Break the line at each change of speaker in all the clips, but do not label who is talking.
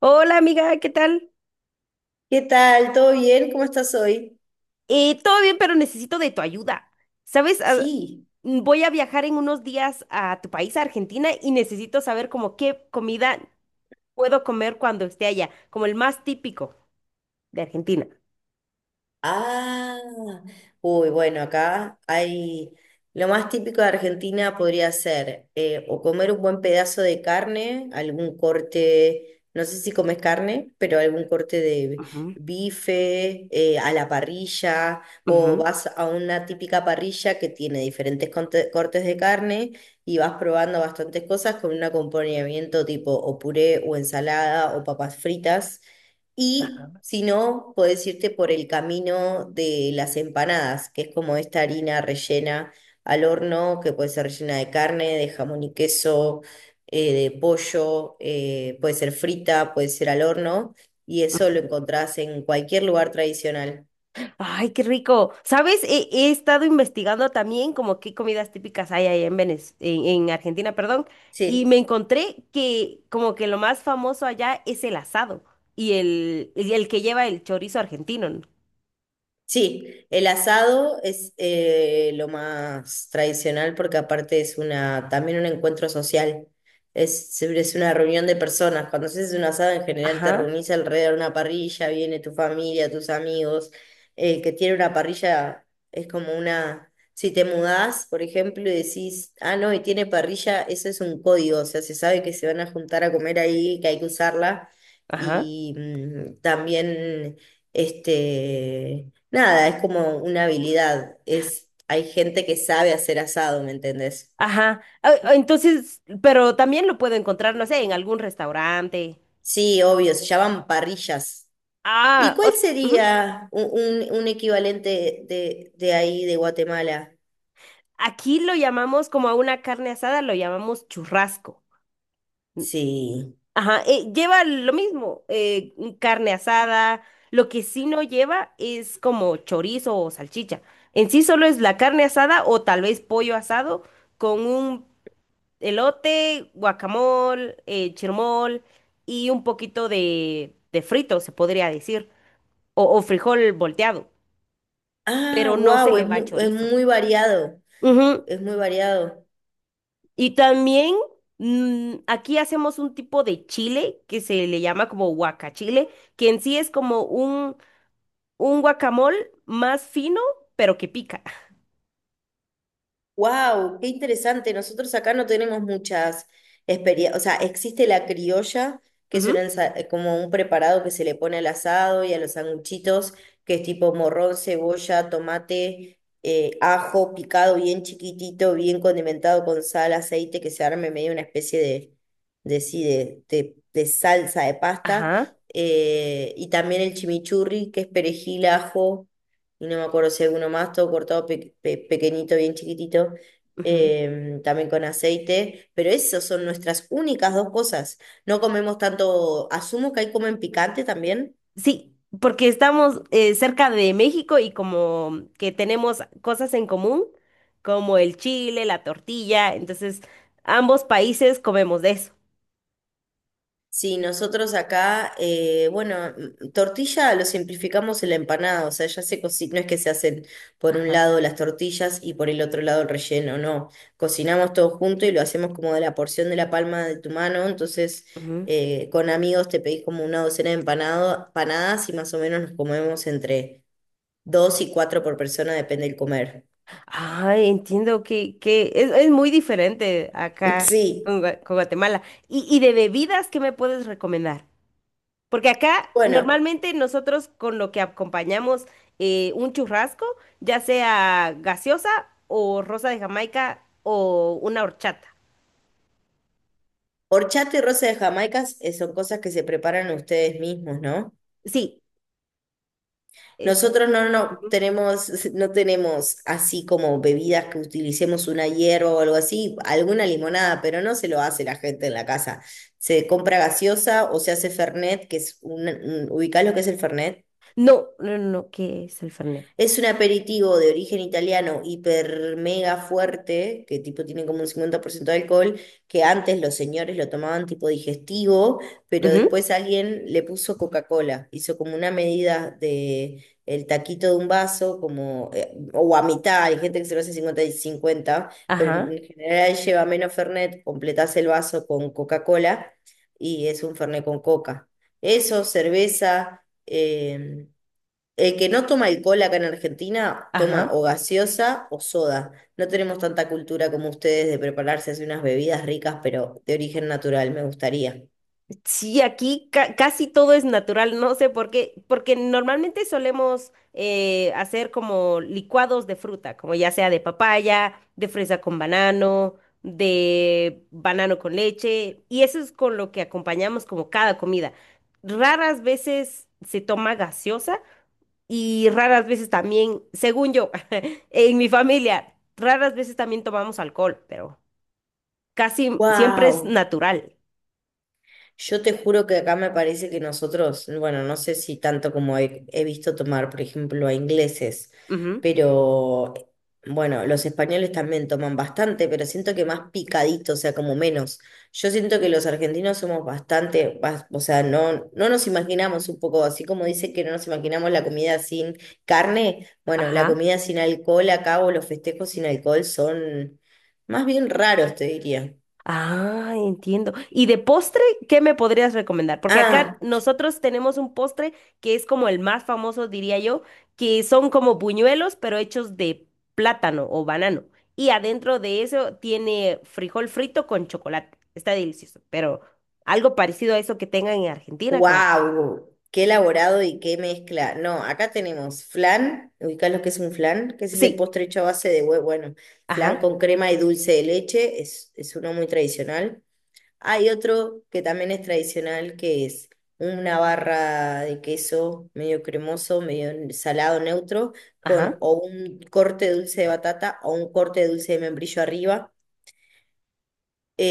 Hola amiga, ¿qué tal?
¿Qué tal? ¿Todo bien? ¿Cómo estás hoy?
Todo bien, pero necesito de tu ayuda. ¿Sabes?
Sí.
Voy a viajar en unos días a tu país, a Argentina, y necesito saber como qué comida puedo comer cuando esté allá, como el más típico de Argentina.
Ah, uy, bueno, acá hay lo más típico de Argentina podría ser o comer un buen pedazo de carne, algún corte, no sé si comes carne, pero algún corte de
Ujú,
bife a la parrilla o
ujú,
vas a una típica parrilla que tiene diferentes cortes de carne y vas probando bastantes cosas con un acompañamiento tipo o puré o ensalada o papas fritas. Y si no, puedes irte por el camino de las empanadas, que es como esta harina rellena al horno, que puede ser rellena de carne, de jamón y queso, de pollo, puede ser frita, puede ser al horno, y eso lo
ujú.
encontrás en cualquier lugar tradicional.
Ay, qué rico. ¿Sabes? He estado investigando también como qué comidas típicas hay ahí en en Argentina, perdón, y
Sí.
me encontré que como que lo más famoso allá es el asado y el que lleva el chorizo argentino, ¿no?
Sí, el asado es lo más tradicional porque aparte es una, también un encuentro social. Es, siempre es una reunión de personas. Cuando haces un asado en general te
Ajá,
reunís alrededor de una parrilla, viene tu familia, tus amigos. El que tiene una parrilla es como una... Si te mudás, por ejemplo, y decís, ah, no, y tiene parrilla, eso es un código. O sea, se sabe que se van a juntar a comer ahí, que hay que usarla.
ajá,
Y también, este... Nada, es como una habilidad. Es, hay gente que sabe hacer asado, ¿me entendés?
ajá. Entonces, pero también lo puedo encontrar, no sé, en algún restaurante.
Sí, obvio, se llaman parrillas. ¿Y
Ah,
cuál
o- Ujú.
sería un, un equivalente de ahí, de Guatemala?
Aquí lo llamamos como a una carne asada, lo llamamos churrasco. N-
Sí.
Ajá, lleva lo mismo, un carne asada. Lo que sí no lleva es como chorizo o salchicha. En sí solo es la carne asada o tal vez pollo asado con un elote, guacamole, chirmol y un poquito de frito, se podría decir, o frijol volteado,
Ah,
pero no se
wow,
le va
es
chorizo.
muy variado.
Ujú.
Es muy variado.
Y también aquí hacemos un tipo de chile que se le llama como guacachile, que en sí es como un guacamole más fino, pero que pica.
Wow, qué interesante. Nosotros acá no tenemos muchas experiencias. O sea, existe la criolla, que es una
Ujú.
como un preparado que se le pone al asado y a los sanguchitos, que es tipo morrón, cebolla, tomate, ajo picado bien chiquitito, bien condimentado con sal, aceite, que se arme medio una especie de, sí, de, de salsa de pasta.
Ajá.
Y también el chimichurri, que es perejil, ajo y no me acuerdo si alguno más, todo cortado pequeñito, bien chiquitito, también con aceite, pero esas son nuestras únicas dos cosas. No comemos tanto, asumo que ahí comen picante también.
Sí, porque estamos cerca de México y como que tenemos cosas en común, como el chile, la tortilla, entonces ambos países comemos de eso.
Sí, nosotros acá, bueno, tortilla lo simplificamos en la empanada, o sea, ya se cocina, no es que se hacen por un
Ajá.
lado las tortillas y por el otro lado el relleno, no, cocinamos todo junto y lo hacemos como de la porción de la palma de tu mano, entonces
Ujú.
con amigos te pedís como una docena de empanadas y más o menos nos comemos entre dos y cuatro por persona, depende del comer.
Ah, entiendo que es muy diferente acá
Sí,
con, con Guatemala. Y de bebidas qué me puedes recomendar? Porque acá
bueno,
normalmente nosotros con lo que acompañamos un churrasco, ya sea gaseosa o rosa de Jamaica o una horchata.
horchata y rosa de Jamaica son cosas que se preparan ustedes mismos, ¿no?
Sí, es,
Nosotros no, no
Ujú.
tenemos, no tenemos así como bebidas que utilicemos una hierba o algo así, alguna limonada, pero no se lo hace la gente en la casa. Se compra gaseosa o se hace Fernet, que es un, ¿ubicás lo que es el Fernet?
No, no, no, no, ¿qué es el Fernet?
Es un aperitivo de origen italiano hiper mega fuerte, que tipo tiene como un 50% de alcohol, que antes los señores lo tomaban tipo digestivo, pero
Ujú,
después alguien le puso Coca-Cola, hizo como una medida de el taquito de un vaso, como, o a mitad, hay gente que se lo hace 50 y 50 pero
ajá,
en general lleva menos Fernet, completás el vaso con Coca-Cola y es un Fernet con Coca. Eso, cerveza. El que no toma alcohol acá en Argentina toma
ajá.
o gaseosa o soda. No tenemos tanta cultura como ustedes de prepararse así unas bebidas ricas, pero de origen natural, me gustaría.
Sí, aquí casi todo es natural, no sé por qué, porque normalmente solemos hacer como licuados de fruta, como ya sea de papaya, de fresa con banano, de banano con leche, y eso es con lo que acompañamos como cada comida. Raras veces se toma gaseosa. Y raras veces también, según yo, en mi familia, raras veces también tomamos alcohol, pero casi siempre es
¡Wow!
natural.
Yo te juro que acá me parece que nosotros, bueno, no sé si tanto como he visto tomar, por ejemplo, a ingleses,
Ujú.
pero bueno, los españoles también toman bastante, pero siento que más picadito, o sea, como menos. Yo siento que los argentinos somos bastante, o sea, no, no nos imaginamos un poco, así como dice que no nos imaginamos la comida sin carne, bueno, la
Ajá.
comida sin alcohol acá o los festejos sin alcohol son más bien raros, te diría.
Ah, entiendo. ¿Y de postre, qué me podrías recomendar? Porque acá
Ah.
nosotros tenemos un postre que es como el más famoso, diría yo, que son como buñuelos, pero hechos de plátano o banano. Y adentro de eso tiene frijol frito con chocolate. Está delicioso, pero algo parecido a eso que tengan en Argentina, como...
Wow, qué elaborado y qué mezcla. No, acá tenemos flan, ubicás lo que es un flan, que es ese
Sí.
postre hecho a base de huevo, bueno, flan
Ajá,
con crema y dulce de leche, es uno muy tradicional. Hay otro que también es tradicional, que es una barra de queso medio cremoso, medio salado neutro, con
ajá,
o un corte de dulce de batata o un corte de dulce de membrillo arriba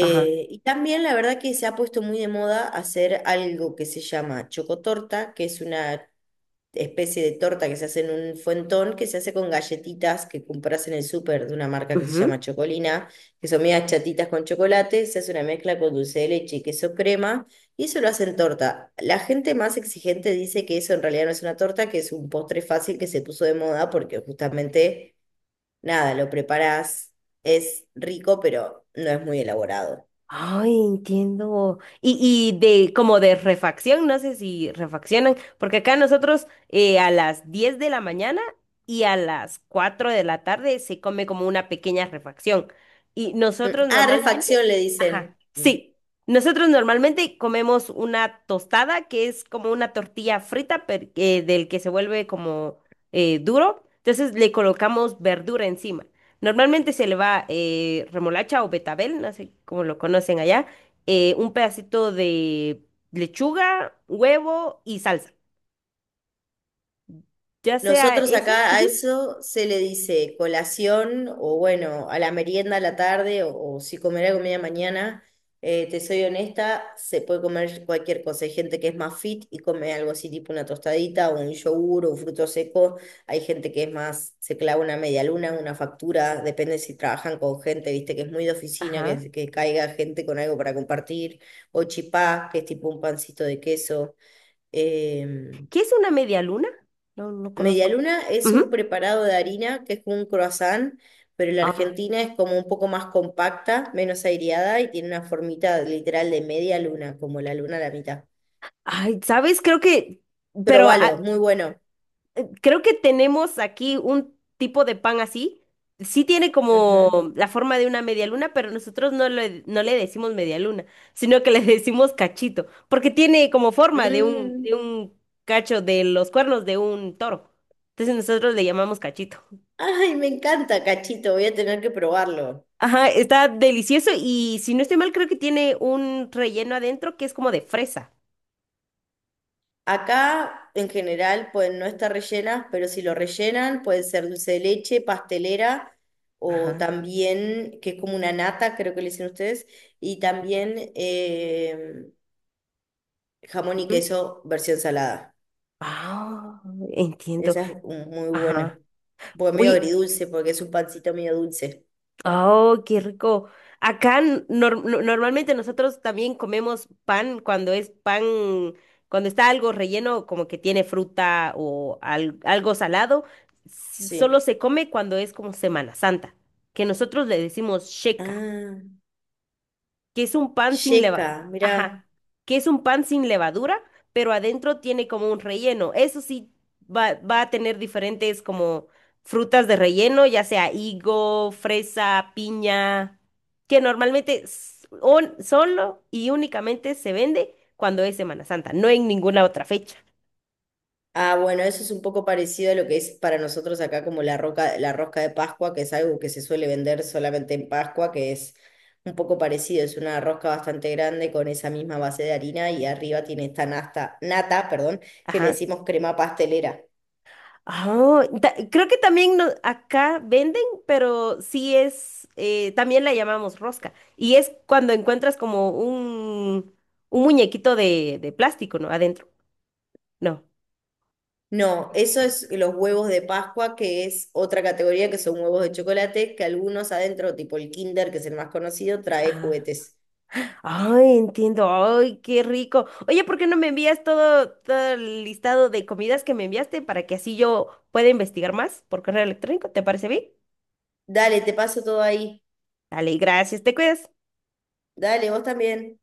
ajá.
y también la verdad que se ha puesto muy de moda hacer algo que se llama chocotorta, que es una especie de torta que se hace en un fuentón, que se hace con galletitas que compras en el súper de una marca que se
Ujú.
llama Chocolina, que son medias chatitas con chocolate, se hace una mezcla con dulce de leche y queso crema, y eso lo hacen torta. La gente más exigente dice que eso en realidad no es una torta, que es un postre fácil que se puso de moda porque justamente, nada, lo preparás, es rico, pero no es muy elaborado.
Ay, entiendo. Y de como de refacción, no sé si refaccionan, porque acá nosotros a las 10 de la mañana y a las 4 de la tarde se come como una pequeña refacción. Y nosotros
Ah,
normalmente,
refacción le
ajá,
dicen. Mm.
sí, nosotros normalmente comemos una tostada que es como una tortilla del que se vuelve como duro. Entonces le colocamos verdura encima. Normalmente se le va remolacha o betabel, no sé cómo lo conocen allá, un pedacito de lechuga, huevo y salsa. Ya sea
Nosotros
eso.
acá a
Ujú,
eso se le dice colación o bueno, a la merienda a la tarde o si comerá comida mañana. Te soy honesta, se puede comer cualquier cosa. Hay gente que es más fit y come algo así tipo una tostadita o un yogur o un fruto seco. Hay gente que es más, se clava una media luna, una factura, depende si trabajan con gente, viste, que es muy de oficina,
ajá.
que caiga gente con algo para compartir. O chipá, que es tipo un pancito de queso. Eh,
¿Qué es una media luna? No, no
media
conozco.
luna es un
Ujú.
preparado de harina que es como un croissant, pero la
Ah.
Argentina es como un poco más compacta, menos aireada y tiene una formita literal de media luna, como la luna a la mitad.
Ay, ¿sabes? Pero a-
Probalo, es muy bueno.
creo que tenemos aquí un tipo de pan así. Sí tiene como
Ujú.
la forma de una media luna, pero nosotros no le decimos media luna, sino que le decimos cachito, porque tiene como forma de de
Mm.
un cacho de los cuernos de un toro. Entonces nosotros le llamamos cachito.
Ay, me encanta, cachito, voy a tener que probarlo.
Ajá, está delicioso y si no estoy mal, creo que tiene un relleno adentro que es como de fresa.
Acá en general pueden no estar rellenas, pero si lo rellenan puede ser dulce de leche, pastelera o
Ajá.
también, que es como una nata, creo que le dicen ustedes, y también jamón y
Ujú.
queso versión salada.
Ah, entiendo.
Esa es muy buena.
Ajá.
Porque medio
Oye,
agridulce, porque es un pancito medio dulce.
oh, qué rico. Acá normalmente nosotros también comemos pan cuando es pan, cuando está algo relleno, como que tiene fruta o algo salado. Solo
Sí.
se come cuando es como Semana Santa, que nosotros le decimos sheca,
Ah,
que es un pan sin leva,
yeca, mirá.
ajá, que es un pan sin levadura, pero adentro tiene como un relleno. Eso sí va, va a tener diferentes como frutas de relleno, ya sea higo, fresa, piña, que normalmente solo y únicamente se vende cuando es Semana Santa, no en ninguna otra fecha.
Ah, bueno, eso es un poco parecido a lo que es para nosotros acá como la roca, la rosca de Pascua, que es algo que se suele vender solamente en Pascua, que es un poco parecido, es una rosca bastante grande con esa misma base de harina y arriba tiene esta nata, perdón, que le
Ajá.
decimos crema pastelera.
Ah, creo que también acá venden, pero sí es, también la llamamos rosca. Y es cuando encuentras como un muñequito de plástico, ¿no? Adentro. No.
No, eso es los huevos de Pascua, que es otra categoría que son huevos de chocolate, que algunos adentro, tipo el Kinder, que es el más conocido, trae
Ah.
juguetes.
Ay, entiendo. Ay, qué rico. Oye, ¿por qué no me envías todo el listado de comidas que me enviaste para que así yo pueda investigar más por correo electrónico? ¿Te parece bien?
Dale, te paso todo ahí.
Dale, gracias, te cuidas.
Dale, vos también.